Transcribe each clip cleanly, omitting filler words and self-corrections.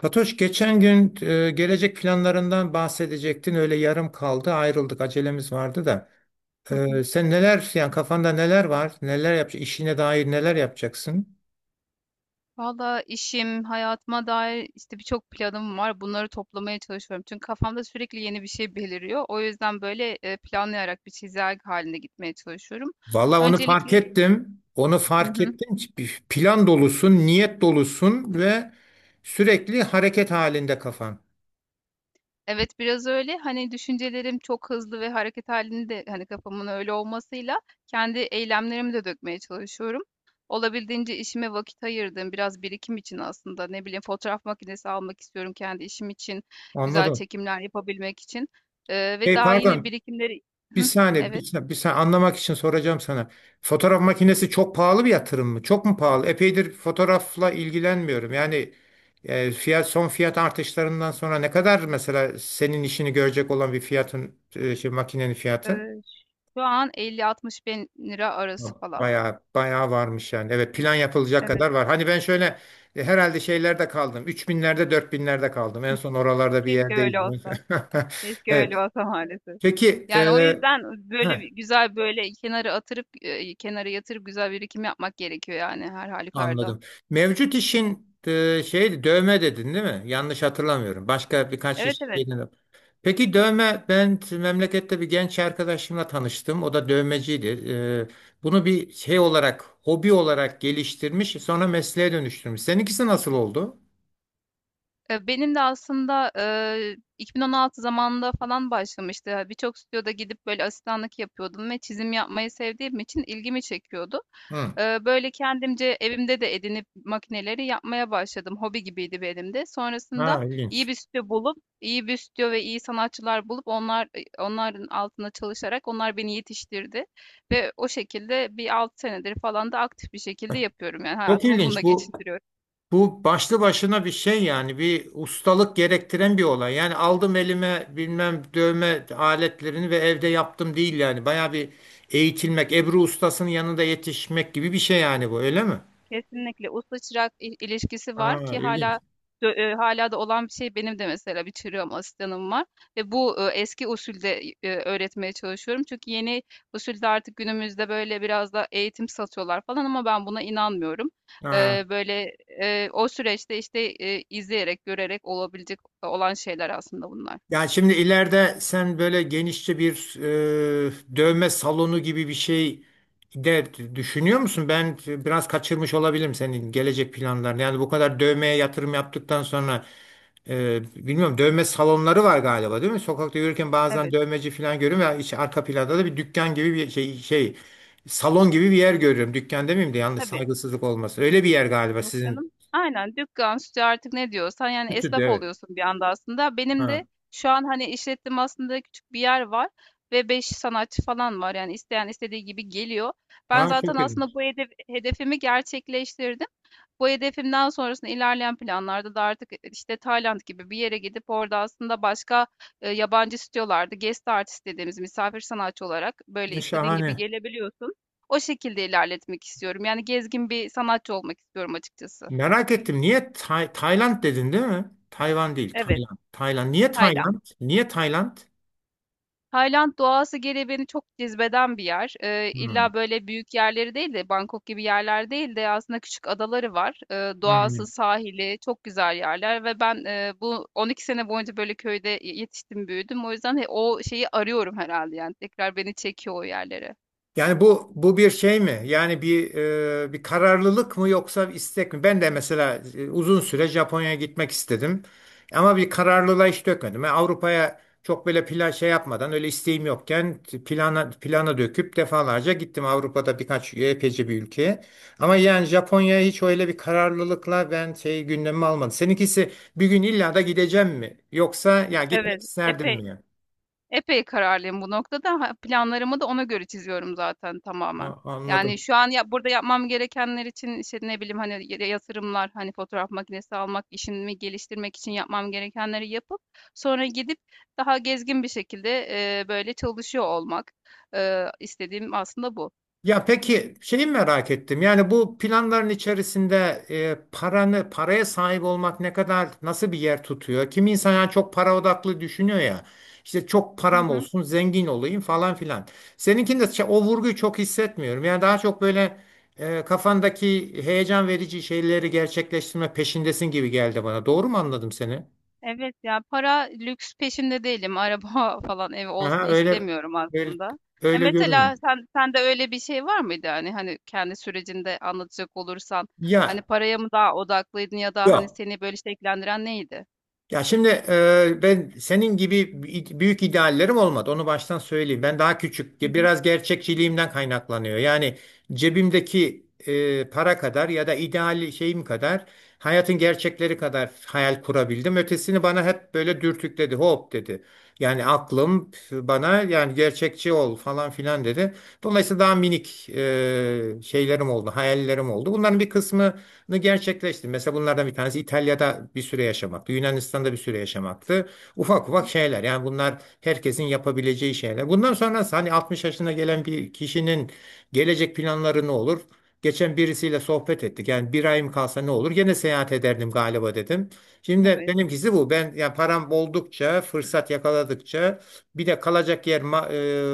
Fatoş geçen gün gelecek planlarından bahsedecektin. Öyle yarım kaldı. Ayrıldık. Acelemiz vardı da. Hı hı. Sen neler, yani kafanda neler var? Neler yapacaksın? İşine dair neler yapacaksın? Valla işim, hayatıma dair işte birçok planım var. Bunları toplamaya çalışıyorum. Çünkü kafamda sürekli yeni bir şey beliriyor. O yüzden böyle planlayarak bir çizelge halinde gitmeye çalışıyorum. Valla onu fark Öncelikle. ettim. Onu Hı fark hı. ettim. Plan dolusun, niyet dolusun ve sürekli hareket halinde kafan. Evet, biraz öyle. Hani, düşüncelerim çok hızlı ve hareket hâlinde, hani, kafamın öyle olmasıyla kendi eylemlerimi de dökmeye çalışıyorum. Olabildiğince işime vakit ayırdım, biraz birikim için aslında, ne bileyim, fotoğraf makinesi almak istiyorum kendi işim için, güzel Anladım. çekimler yapabilmek için, ve Hey, daha yine pardon. birikimleri. Bir Hıh. saniye, bir Evet. saniye, bir saniye, anlamak için soracağım sana. Fotoğraf makinesi çok pahalı bir yatırım mı? Çok mu pahalı? Epeydir fotoğrafla ilgilenmiyorum. Yani e, fiyat son fiyat artışlarından sonra ne kadar mesela senin işini görecek olan şey, makinenin fiyatı? Eee, şu an 50-60 bin lira arası falan. Bayağı bayağı varmış yani. Evet, plan yapılacak Evet. kadar var. Hani ben şöyle, herhalde şeylerde kaldım. 3 binlerde, 4 binlerde kaldım. En Hıh. son oralarda bir Keşke öyle yerdeydim. olsa. Keşke öyle Evet. olsa maalesef. Peki. Yani o yüzden böyle heh, güzel böyle kenara yatırıp güzel birikim yapmak gerekiyor yani her halükarda. Anladım. Mevcut işin, şey, dövme dedin değil mi? Yanlış hatırlamıyorum. Başka birkaç iş Evet, evet. yeni. Peki dövme, ben memlekette bir genç arkadaşımla tanıştım. O da dövmeciydi. Bunu bir şey olarak, hobi olarak geliştirmiş, sonra mesleğe dönüştürmüş. Seninkisi nasıl oldu? Benim de aslında, 2016 zamanında falan başlamıştı. Ya, birçok stüdyoda gidip böyle asistanlık yapıyordum ve çizim yapmayı sevdiğim için ilgimi çekiyordu. Hı. Böyle kendimce evimde de edinip makineleri yapmaya başladım. Hobi gibiydi benim de. Sonrasında Ha, ilginç. İyi bir stüdyo ve iyi sanatçılar bulup onların altında çalışarak onlar beni yetiştirdi ve o şekilde bir 6 senedir falan da aktif bir şekilde yapıyorum. Yani Çok hayatımı bununla ilginç bu. geçindiriyorum. Bu başlı başına bir şey, yani bir ustalık gerektiren bir olay. Yani aldım elime bilmem dövme aletlerini ve evde yaptım, değil yani. Baya bir eğitilmek, Ebru ustasının yanında yetişmek gibi bir şey yani bu, öyle mi? Kesinlikle usta çırak ilişkisi var Aa, ki ilginç. hala dö hâlâ da olan bir şey. Benim de mesela bir çırağım, asistanım var ve bu, eski usulde, öğretmeye çalışıyorum. Çünkü yeni usulde artık günümüzde böyle biraz da eğitim satıyorlar falan ama ben buna inanmıyorum. Ha. Böyle, o süreçte, işte, izleyerek, görerek olabilecek olan şeyler aslında bunlar. Yani şimdi ileride sen böyle genişçe bir dövme salonu gibi bir şey de düşünüyor musun? Ben biraz kaçırmış olabilirim senin gelecek planlarını. Yani bu kadar dövmeye yatırım yaptıktan sonra, bilmiyorum, dövme salonları var galiba, değil mi? Sokakta yürürken bazen Evet, dövmeci falan görüyorum ya, iç arka planda da bir dükkan gibi bir şey, şey, salon gibi bir yer görüyorum. Dükkan demeyeyim de, yanlış, tabii. saygısızlık olmasın. Öyle bir yer galiba Yok sizin, canım. Aynen dükkan, stüdyo artık ne diyorsan yani stüdyo, esnaf evet. oluyorsun bir anda aslında. Benim de Ha. şu an hani işlettim aslında küçük bir yer var ve 5 sanatçı falan var. Yani isteyen istediği gibi geliyor. Ben Ha, zaten çok ilginç. aslında hedefimi gerçekleştirdim. Bu hedefimden sonrasında ilerleyen planlarda da artık işte Tayland gibi bir yere gidip orada aslında başka yabancı stüdyolarda guest artist dediğimiz misafir sanatçı olarak böyle istediğin gibi Şahane. gelebiliyorsun. O şekilde ilerletmek istiyorum. Yani gezgin bir sanatçı olmak istiyorum açıkçası. Merak ettim. Niye Tayland dedin, değil mi? Tayvan değil. Evet. Tayland. Tayland. Niye Tayland. Tayland? Niye Tayland? Tayland doğası geri beni çok cezbeden bir yer. İlla Hmm. böyle büyük yerleri değil de Bangkok gibi yerler değil de aslında küçük adaları var. Doğası, Hmm. sahili çok güzel yerler ve ben bu 12 sene boyunca böyle köyde yetiştim, büyüdüm. O yüzden o şeyi arıyorum herhalde yani tekrar beni çekiyor o yerlere. Yani bu bir şey mi? Yani bir kararlılık mı, yoksa bir istek mi? Ben de mesela uzun süre Japonya'ya gitmek istedim. Ama bir kararlılığa hiç dökmedim. Yani Avrupa'ya çok böyle plan şey yapmadan, öyle isteğim yokken plana plana döküp defalarca gittim Avrupa'da birkaç, epeyce bir ülkeye. Ama yani Japonya'ya hiç öyle bir kararlılıkla ben şey, gündemime almadım. Seninkisi bir gün illa da gideceğim mi? Yoksa ya gitmek Evet, isterdim epey mi? Epey kararlıyım bu noktada. Ha, planlarımı da ona göre çiziyorum zaten tamamen. Ya, Yani anladım. şu an ya, burada yapmam gerekenler için işte ne bileyim hani yatırımlar, hani fotoğraf makinesi almak, işimi geliştirmek için yapmam gerekenleri yapıp sonra gidip daha gezgin bir şekilde böyle çalışıyor olmak. E, istediğim aslında bu. Ya peki, şeyi merak ettim. Yani bu planların içerisinde e, paranı paraya sahip olmak ne kadar, nasıl bir yer tutuyor? Kim insan, yani çok para odaklı düşünüyor ya. İşte çok Hı param hı. olsun, zengin olayım, falan filan. Seninkinde o vurguyu çok hissetmiyorum. Yani daha çok böyle, kafandaki heyecan verici şeyleri gerçekleştirme peşindesin gibi geldi bana. Doğru mu anladım seni? Evet ya, para lüks peşinde değilim. Araba falan ev olsun Aha, öyle, istemiyorum öyle, aslında. Ya öyle görünüyor. mesela sende öyle bir şey var mıydı yani, hani kendi sürecinde anlatacak olursan hani Ya paraya mı daha odaklıydın ya da hani yok. seni böyle şekillendiren neydi? Ya şimdi, ben senin gibi büyük ideallerim olmadı. Onu baştan söyleyeyim. Ben daha küçük, Hı hı. biraz gerçekçiliğimden kaynaklanıyor. Yani cebimdeki para kadar, ya da ideal şeyim kadar, hayatın gerçekleri kadar hayal kurabildim. Ötesini bana hep böyle dürtükledi, hop dedi. Yani aklım bana, yani gerçekçi ol, falan filan dedi. Dolayısıyla daha minik, şeylerim oldu, hayallerim oldu. Bunların bir kısmı gerçekleştirdim. Mesela bunlardan bir tanesi İtalya'da bir süre yaşamaktı. Yunanistan'da bir süre yaşamaktı. Hı Ufak ufak hı. şeyler. Yani bunlar herkesin yapabileceği şeyler. Bundan sonrası, hani 60 yaşına gelen bir kişinin gelecek planları ne olur? Geçen birisiyle sohbet ettik. Yani bir ayım kalsa ne olur? Gene seyahat ederdim galiba, dedim. Şimdi Evet, benimkisi bu. Ben yani param oldukça, fırsat yakaladıkça, bir de kalacak yer ma-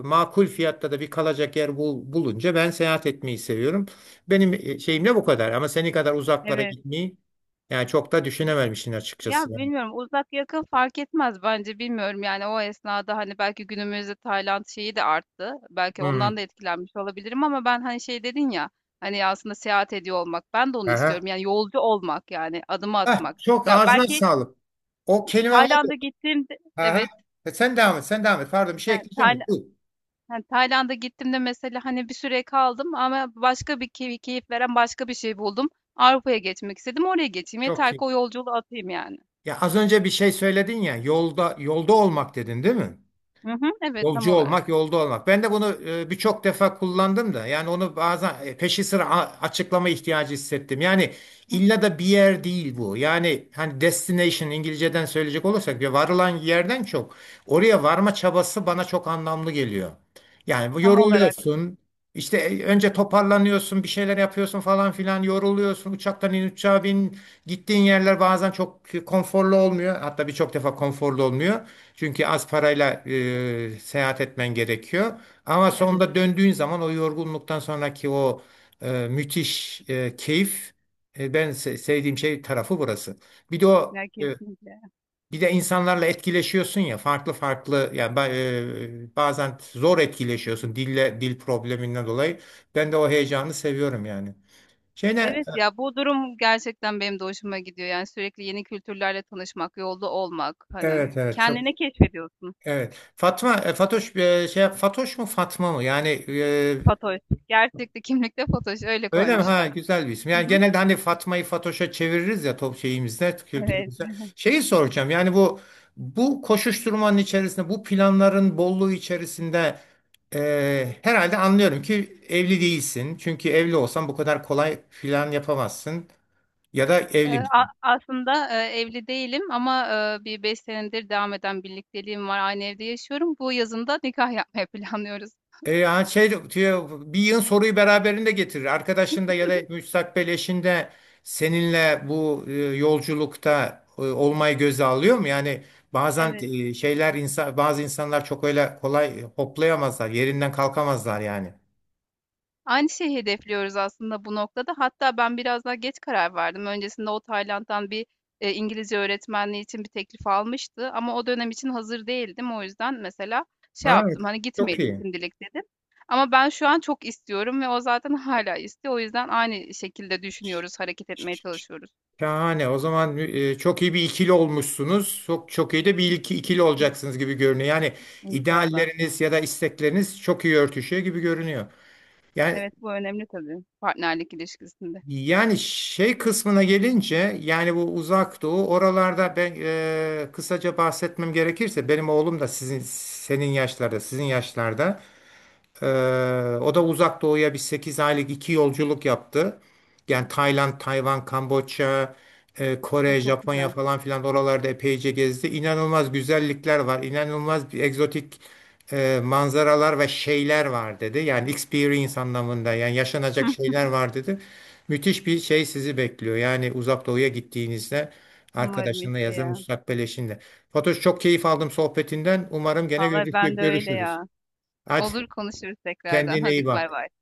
e, makul fiyatta da bir kalacak yer bulunca ben seyahat etmeyi seviyorum. Benim şeyimle bu kadar, ama seni kadar uzaklara evet. gitmeyi yani çok da düşünememişsin Ya açıkçası yani. bilmiyorum, uzak yakın fark etmez bence, bilmiyorum yani o esnada, hani belki günümüzde Tayland şeyi de arttı. Belki ondan Hmm. da etkilenmiş olabilirim ama ben hani şey dedin ya, hani aslında seyahat ediyor olmak, ben de onu Aha. istiyorum yani, yolcu olmak yani, adımı Ah, atmak. çok Ya ağzına belki sağlık. O kelime var. Tayland'a gittiğimde Aha. evet. Sen devam et, sen devam et. Pardon, bir şey Ha, ekleyeceğim de. Buyur. Tayland'a gittiğimde mesela hani bir süre kaldım ama başka bir keyif veren başka bir şey buldum. Avrupa'ya geçmek istedim, oraya geçeyim Çok yeter ki, iyi. o yolculuğu atayım yani. Ya az önce bir şey söyledin ya, yolda, yolda olmak dedin, değil mi? Hı hı, evet tam Yolcu olmak, olarak. yolda olmak. Ben de bunu birçok defa kullandım da. Yani onu bazen peşi sıra açıklama ihtiyacı hissettim. Yani Hı hı. illa da bir yer değil bu. Yani hani destination, İngilizceden söyleyecek olursak, bir varılan yerden çok oraya varma çabası bana çok anlamlı geliyor. Yani bu, Tam olarak. yoruluyorsun. İşte, önce toparlanıyorsun, bir şeyler yapıyorsun falan filan, yoruluyorsun. Uçaktan in, uçağa bin. Gittiğin yerler bazen çok konforlu olmuyor. Hatta birçok defa konforlu olmuyor. Çünkü az parayla seyahat etmen gerekiyor. Ama Evet, sonunda döndüğün zaman o yorgunluktan sonraki o müthiş keyif, ben sevdiğim şey tarafı burası. Bir de o ya e, kesinlikle. bir de insanlarla etkileşiyorsun ya, farklı farklı yani, bazen zor etkileşiyorsun dil probleminden dolayı. Ben de o heyecanı seviyorum yani. Şeyine, Evet ya, bu durum gerçekten benim de hoşuma gidiyor. Yani sürekli yeni kültürlerle tanışmak, yolda olmak, hani evet, evet, çok, kendini keşfediyorsun. evet. Fatma, Fatoş, Fatoş mu, Fatma mı? Yani Fatoş. Gerçekte kimlikte Fatoş, öyle öyle mi? Ha, koymuşlar. güzel bir isim. Hı Yani hı. genelde hani Fatma'yı Fatoş'a çeviririz ya, top şeyimizde, Evet. kültürümüzde. Şeyi soracağım. Yani bu koşuşturmanın içerisinde, bu planların bolluğu içerisinde, herhalde anlıyorum ki evli değilsin. Çünkü evli olsan bu kadar kolay plan yapamazsın. Ya da Ee, evli, a- aslında evli değilim ama bir 5 senedir devam eden birlikteliğim var. Aynı evde yaşıyorum. Bu yazın da nikah yapmayı planlıyoruz. Yani şey diyor, bir yığın soruyu beraberinde getirir. Arkadaşında ya da müstakbel eşinde seninle bu yolculukta olmayı göze alıyor mu? Yani bazen, Evet. e, şeyler insan bazı insanlar çok öyle kolay hoplayamazlar, yerinden kalkamazlar yani. Aynı şeyi hedefliyoruz aslında bu noktada. Hatta ben biraz daha geç karar verdim. Öncesinde o Tayland'dan bir, İngilizce öğretmenliği için bir teklif almıştı ama o dönem için hazır değildim. O yüzden mesela şey Ha, yaptım, hani, çok "Gitmeyelim iyi. şimdilik," dedim. Ama ben şu an çok istiyorum ve o zaten hala istiyor. O yüzden aynı şekilde düşünüyoruz, hareket etmeye çalışıyoruz. Şahane. O zaman, çok iyi bir ikili olmuşsunuz. Çok çok iyi de bir ikili Hı, olacaksınız gibi görünüyor. Yani İnşallah. idealleriniz ya da istekleriniz çok iyi örtüşüyor gibi görünüyor. Yani. Evet, bu önemli tabii partnerlik ilişkisinde. Şey kısmına gelince, yani bu Uzak Doğu oralarda, ben kısaca bahsetmem gerekirse, benim oğlum da sizin, senin yaşlarda sizin yaşlarda, o da Uzak Doğu'ya bir 8 aylık iki yolculuk yaptı. Yani Tayland, Tayvan, Kamboçya, A, Kore, çok Japonya güzel. falan filan, oralarda epeyce gezdi. İnanılmaz güzellikler var. İnanılmaz bir egzotik, manzaralar ve şeyler var dedi. Yani experience anlamında, yani yaşanacak Hıh. şeyler var dedi. Müthiş bir şey sizi bekliyor. Yani Uzak Doğu'ya gittiğinizde Umarım arkadaşınla işte ya da ya. müstakbel eşinle. Fatoş, çok keyif aldım sohbetinden. Umarım gene Vallahi ben de öyle görüşürüz. ya. Hadi. Olur, konuşuruz tekrardan. Kendine Hadi, iyi bay bay. bak.